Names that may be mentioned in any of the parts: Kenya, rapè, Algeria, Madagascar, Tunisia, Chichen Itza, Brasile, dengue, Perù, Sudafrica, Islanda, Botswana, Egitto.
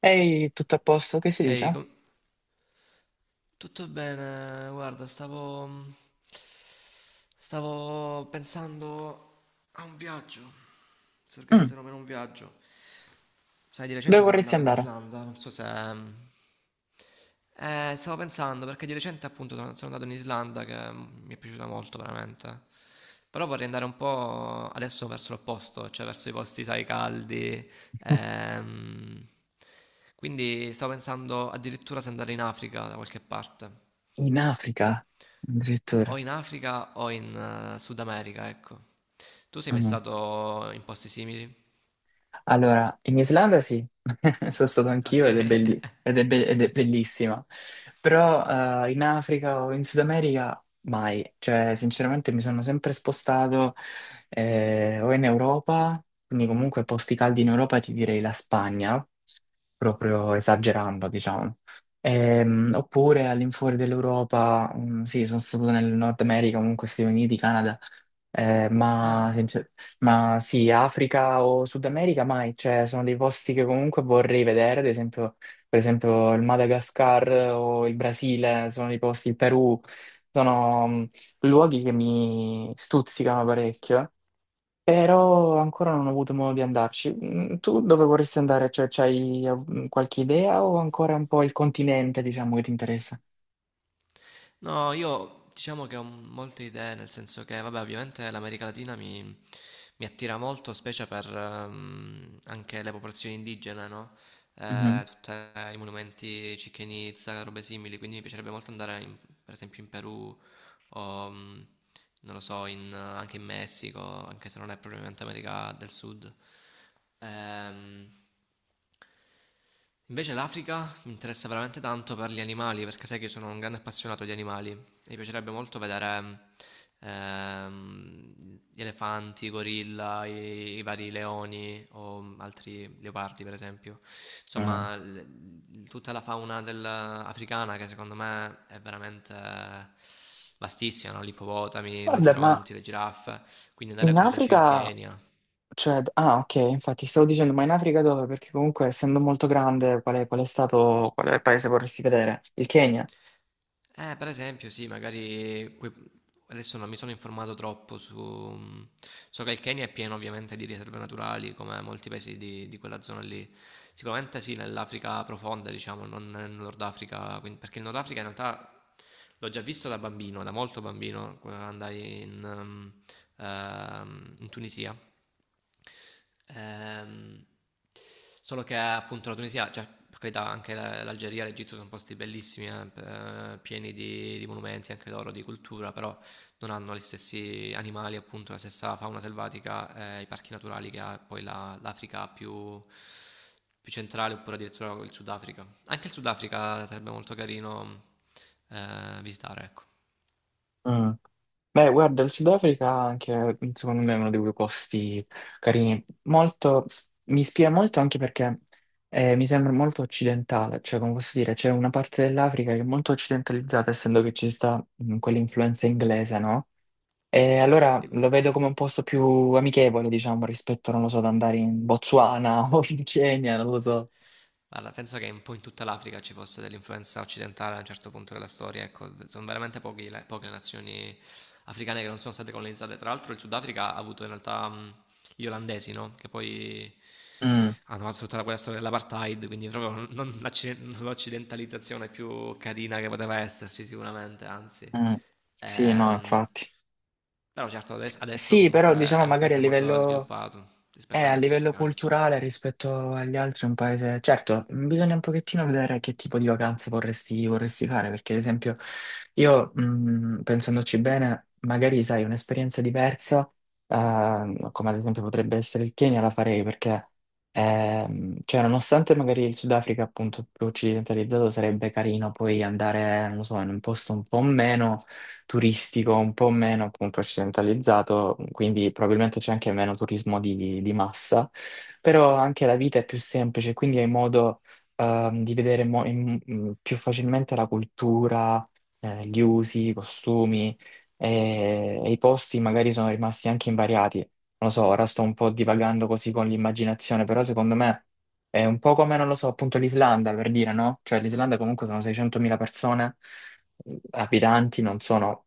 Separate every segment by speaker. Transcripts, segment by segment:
Speaker 1: Ehi, tutto a posto? Che si
Speaker 2: Ehi,
Speaker 1: dice?
Speaker 2: tutto bene? Guarda, stavo... stavo pensando a un viaggio. Si
Speaker 1: Mm,
Speaker 2: organizzano per un viaggio. Sai, di
Speaker 1: dove
Speaker 2: recente sono
Speaker 1: vorresti
Speaker 2: andato in
Speaker 1: andare?
Speaker 2: Islanda, non so se... stavo pensando, perché di recente appunto sono andato in Islanda che mi è piaciuta molto veramente. Però vorrei andare un po' adesso verso l'opposto, cioè verso i posti, sai, caldi. ehm. Quindi stavo pensando addirittura se andare in Africa da qualche parte.
Speaker 1: In Africa,
Speaker 2: O
Speaker 1: addirittura.
Speaker 2: in Africa o in Sud America, ecco. Tu sei mai stato in posti simili?
Speaker 1: Allora, in Islanda sì, sono stato
Speaker 2: Ok.
Speaker 1: anch'io ed è, bellissima, però in Africa o in Sud America mai, cioè sinceramente mi sono sempre spostato o in Europa, quindi comunque posti caldi in Europa ti direi la Spagna, proprio esagerando diciamo. Oppure all'infuori dell'Europa, mm, sì, sono stato nel Nord America, comunque Stati Uniti, Canada, eh, ma,
Speaker 2: Ah,
Speaker 1: sincer- ma sì, Africa o Sud America mai, cioè sono dei posti che comunque vorrei vedere, ad esempio, per esempio il Madagascar o il Brasile, sono dei posti, il Perù, sono luoghi che mi stuzzicano parecchio, però ancora non ho avuto modo di andarci. Mm, tu dove vorresti andare? Cioè, c'hai qualche idea o ancora un po' il continente, diciamo, che ti interessa?
Speaker 2: no, io diciamo che ho molte idee, nel senso che, vabbè, ovviamente l'America Latina mi, mi attira molto, specie per anche le popolazioni indigene, no?
Speaker 1: Mhm.
Speaker 2: Tutti i monumenti Chichen Itza, robe simili, quindi mi piacerebbe molto andare per esempio in Perù o non lo so, anche in Messico, anche se non è propriamente America del Sud. Ehm, Invece l'Africa mi interessa veramente tanto per gli animali, perché sai che io sono un grande appassionato di animali. Mi piacerebbe molto vedere gli elefanti, i gorilla, i vari leoni o altri leopardi, per esempio.
Speaker 1: Mm.
Speaker 2: Insomma, tutta la fauna africana che secondo me è veramente vastissima, no? Gli ippopotami, i
Speaker 1: Guarda, ma
Speaker 2: rinoceronti, le giraffe. Quindi andare
Speaker 1: in
Speaker 2: per esempio in
Speaker 1: Africa...
Speaker 2: Kenya.
Speaker 1: Cioè, ah, ok, infatti stavo dicendo, ma in Africa dove? Perché comunque, essendo molto grande, qual è il paese che vorresti vedere? Il Kenya?
Speaker 2: Per esempio, sì, magari adesso non mi sono informato troppo su... So che il Kenya è pieno ovviamente di riserve naturali, come molti paesi di quella zona lì. Sicuramente sì, nell'Africa profonda, diciamo, non nel Nord Africa, perché il Nord Africa in realtà l'ho già visto da bambino, da molto bambino, quando andai in, in Tunisia. Ehm, solo che appunto la Tunisia, cioè per carità anche l'Algeria, l'Egitto sono posti bellissimi, pieni di monumenti anche loro, di cultura, però non hanno gli stessi animali, appunto, la stessa fauna selvatica, i parchi naturali che ha poi l'Africa più, più centrale, oppure addirittura il Sudafrica. Anche il Sudafrica sarebbe molto carino visitare, ecco.
Speaker 1: Mm. Beh, guarda, il Sudafrica anche, secondo me, è uno dei due posti carini. Molto, mi ispira molto anche perché mi sembra molto occidentale, cioè, come posso dire, c'è una parte dell'Africa che è molto occidentalizzata, essendo che ci sta quell'influenza inglese, no? E allora
Speaker 2: Sì,
Speaker 1: lo vedo come un posto più amichevole, diciamo, rispetto, non lo so, ad andare in Botswana o in Kenya, non lo so.
Speaker 2: guarda, penso che un po' in tutta l'Africa ci fosse dell'influenza occidentale a un certo punto della storia, ecco, sono veramente pochi poche le nazioni africane che non sono state colonizzate. Tra l'altro il Sudafrica ha avuto in realtà gli olandesi, no? Che poi
Speaker 1: Mm,
Speaker 2: hanno fatto tutta quella storia dell'apartheid, quindi proprio non non l'occidentalizzazione più carina che poteva esserci sicuramente, anzi.
Speaker 1: mm. Sì, no,
Speaker 2: Ehm,
Speaker 1: infatti.
Speaker 2: però certo adesso, adesso
Speaker 1: Sì, però
Speaker 2: comunque è
Speaker 1: diciamo
Speaker 2: un
Speaker 1: magari a
Speaker 2: paese molto
Speaker 1: livello,
Speaker 2: sviluppato rispetto agli
Speaker 1: A
Speaker 2: altri
Speaker 1: livello
Speaker 2: africani.
Speaker 1: culturale rispetto agli altri è un paese... Certo, mm, bisogna un pochettino vedere che tipo di vacanze vorresti, vorresti fare, perché ad esempio io, pensandoci bene, magari sai, un'esperienza diversa, come ad esempio potrebbe essere il Kenya, la farei perché, cioè, nonostante magari il Sudafrica appunto più occidentalizzato sarebbe carino poi andare, non lo so, in un posto un po' meno turistico, un po' meno appunto occidentalizzato, quindi probabilmente c'è anche meno turismo di massa, però anche la vita è più semplice, quindi hai modo di vedere mo- in- in- più facilmente la cultura, gli usi, i costumi e i posti magari sono rimasti anche invariati. Non lo so, ora sto un po' divagando così con l'immaginazione, però secondo me... È un po' come, non lo so, appunto l'Islanda, per dire, no? Cioè l'Islanda comunque sono 600.000 persone, lapidanti non sono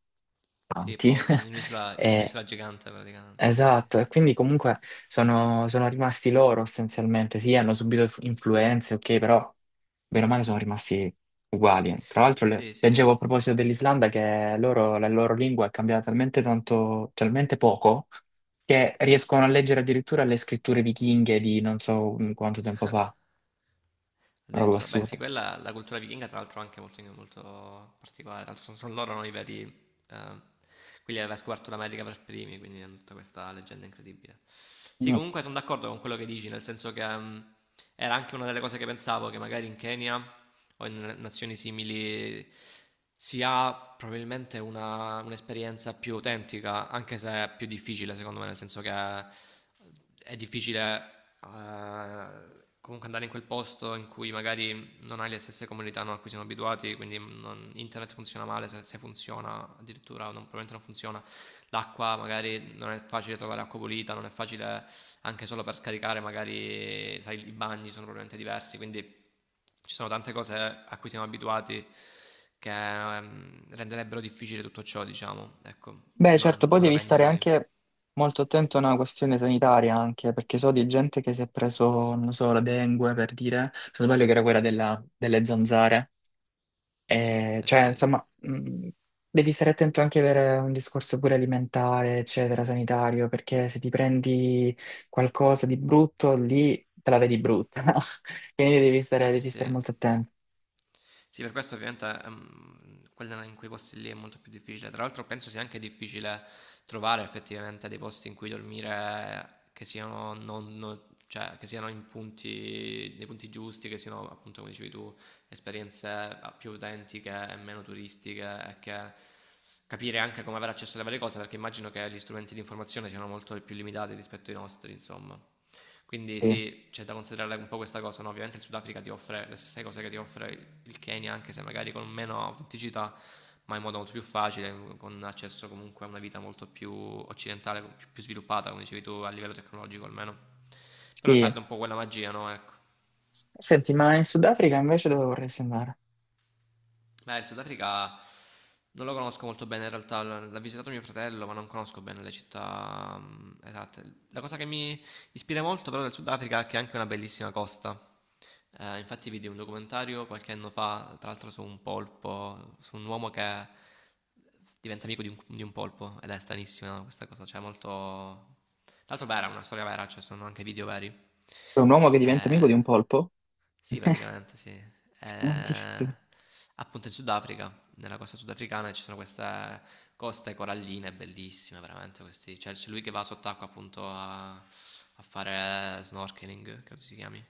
Speaker 2: Sì,
Speaker 1: tanti.
Speaker 2: pochi, in
Speaker 1: E-
Speaker 2: un'isola gigante praticamente, quindi...
Speaker 1: esatto, e quindi comunque sono, sono rimasti loro essenzialmente. Sì, hanno subito influenze, ok, però bene o male sono rimasti uguali. Tra l'altro
Speaker 2: Sì, sì.
Speaker 1: leggevo a proposito dell'Islanda che loro, la loro lingua è cambiata talmente tanto, talmente poco che riescono a leggere addirittura le scritture vichinghe di non so quanto tempo fa, una roba
Speaker 2: Addirittura, beh, sì,
Speaker 1: assurda.
Speaker 2: quella la cultura vichinga, tra l'altro, è anche molto, molto particolare. Tra l'altro sono, sono loro no, i veri. Quelli aveva scoperto l'America per primi, quindi hanno tutta questa leggenda incredibile. Sì, comunque sono d'accordo con quello che dici, nel senso che era anche una delle cose che pensavo, che magari in Kenya o in nazioni simili si ha probabilmente un'esperienza più autentica, anche se è più difficile, secondo me, nel senso che è difficile comunque andare in quel posto in cui magari non hai le stesse comunità no, a cui siamo abituati, quindi internet funziona male, se funziona addirittura probabilmente non funziona, l'acqua magari non è facile trovare acqua pulita, non è facile anche solo per scaricare, magari sai, i bagni sono probabilmente diversi, quindi ci sono tante cose a cui siamo abituati che renderebbero difficile tutto ciò, diciamo, ecco,
Speaker 1: Beh, certo, poi
Speaker 2: non
Speaker 1: devi stare
Speaker 2: avendole lì.
Speaker 1: anche molto attento a una questione sanitaria, anche perché so di gente che si è preso, non so, la dengue per dire, se non sbaglio che era quella delle zanzare. E,
Speaker 2: Eh
Speaker 1: cioè,
Speaker 2: sì,
Speaker 1: insomma, devi stare attento anche per un discorso pure alimentare, eccetera, sanitario, perché se ti prendi qualcosa di brutto, lì te la vedi brutta, no? Quindi
Speaker 2: eh
Speaker 1: devi
Speaker 2: sì.
Speaker 1: stare molto attento.
Speaker 2: Sì, per questo ovviamente, quella in quei posti lì è molto più difficile. Tra l'altro penso sia anche difficile trovare effettivamente dei posti in cui dormire che siano cioè, che siano in punti, nei punti giusti, che siano appunto come dicevi tu, esperienze più autentiche e meno turistiche e che capire anche come avere accesso alle varie cose perché immagino che gli strumenti di informazione siano molto più limitati rispetto ai nostri, insomma. Quindi
Speaker 1: Sì.
Speaker 2: sì, c'è da considerare un po' questa cosa, no? Ovviamente il Sudafrica ti offre le stesse cose che ti offre il Kenya, anche se magari con meno autenticità, ma in modo molto più facile, con accesso comunque a una vita molto più occidentale, più, più sviluppata, come dicevi tu, a livello tecnologico almeno. Però
Speaker 1: Sì.
Speaker 2: perde un po' quella magia, no? Ecco.
Speaker 1: Senti, ma in Sudafrica invece dove vorresti andare?
Speaker 2: Beh, il Sudafrica non lo conosco molto bene in realtà, l'ha visitato mio fratello, ma non conosco bene le città esatte. La cosa che mi ispira molto però del Sudafrica che ha anche una bellissima costa. Infatti vidi un documentario qualche anno fa, tra l'altro su un polpo, su un uomo che diventa amico di un polpo ed è stranissima questa cosa, cioè molto... Tra l'altro vera, una storia vera, cioè sono anche video veri.
Speaker 1: C'è un uomo che diventa amico
Speaker 2: Eh,
Speaker 1: di un polpo?
Speaker 2: sì, praticamente sì.
Speaker 1: Addirittura.
Speaker 2: Appunto in Sudafrica nella costa sudafricana ci sono queste coste coralline bellissime, veramente questi. Cioè, c'è lui che va sott'acqua appunto a, a fare snorkeling, credo si chiami.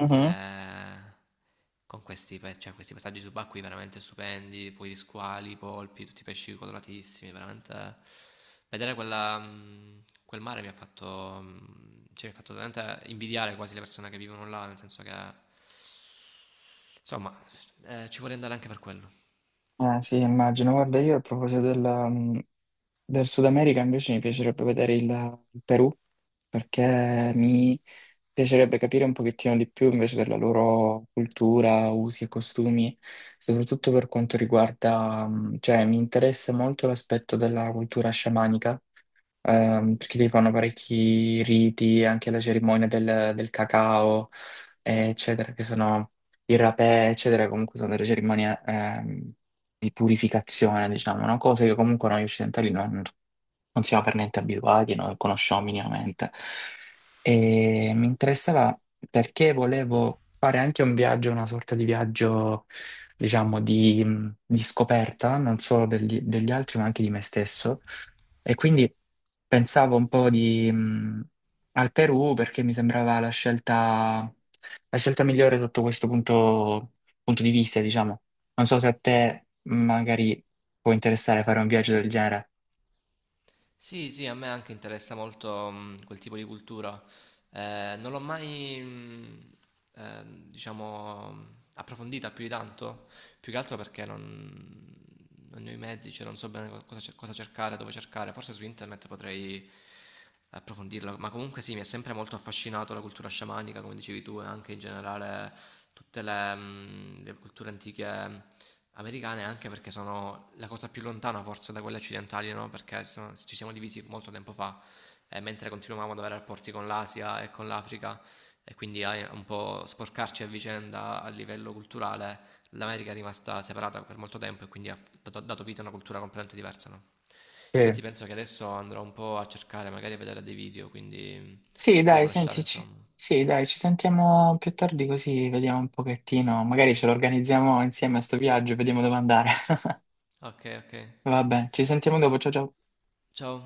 Speaker 1: Mhm.
Speaker 2: Eh, con questi, cioè, questi passaggi subacquei veramente stupendi, poi gli squali, i polpi, tutti i pesci coloratissimi, veramente vedere quella, quel mare mi ha fatto, cioè, mi ha fatto veramente invidiare quasi le persone che vivono là, nel senso che, insomma, ci vorrei andare anche per quello.
Speaker 1: Ah, sì, immagino. Guarda, io a proposito della, del Sud America invece mi piacerebbe vedere il Perù perché
Speaker 2: Sì, sì.
Speaker 1: mi piacerebbe capire un pochettino di più invece della loro cultura, usi e costumi, soprattutto per quanto riguarda, cioè mi interessa molto l'aspetto della cultura sciamanica perché lì fanno parecchi riti, anche la cerimonia del, del cacao, eccetera, che sono il rapè, eccetera, comunque sono delle cerimonie di purificazione, diciamo, no? Cose che comunque noi occidentali non non siamo per niente abituati, non lo conosciamo minimamente. E mi interessava perché volevo fare anche un viaggio, una sorta di viaggio, diciamo, di scoperta, non solo degli, degli altri, ma anche di me stesso. E quindi pensavo un po' di, al Perù perché mi sembrava la scelta migliore sotto questo punto, punto di vista, diciamo. Non so se a te magari può interessare fare un viaggio del genere.
Speaker 2: Sì, sì, a me anche interessa molto quel tipo di cultura. Non l'ho mai, eh, diciamo, approfondita più di tanto, più che altro perché non ne ho i mezzi, cioè non so bene cosa, cosa cercare, dove cercare, forse su internet potrei approfondirla, ma comunque sì, mi è sempre molto affascinato la cultura sciamanica, come dicevi tu, e anche in generale tutte le, le culture antiche americane, anche perché sono la cosa più lontana forse da quelle occidentali, no? Perché ci siamo divisi molto tempo fa, e mentre continuavamo ad avere rapporti con l'Asia e con l'Africa, e quindi a un po' sporcarci a vicenda a livello culturale l'America è rimasta separata per molto tempo e quindi ha dato vita a una cultura completamente diversa, no?
Speaker 1: Sì.
Speaker 2: Infatti penso che adesso andrò un po' a cercare, magari a vedere dei video, quindi
Speaker 1: Sì,
Speaker 2: ti devo
Speaker 1: dai,
Speaker 2: lasciare,
Speaker 1: sentici.
Speaker 2: insomma.
Speaker 1: Sì, dai, ci sentiamo più tardi così vediamo un pochettino. Magari ce lo organizziamo insieme a sto viaggio, vediamo dove andare.
Speaker 2: Ok, ok.
Speaker 1: Va bene, ci sentiamo dopo. Ciao ciao.
Speaker 2: Ciao.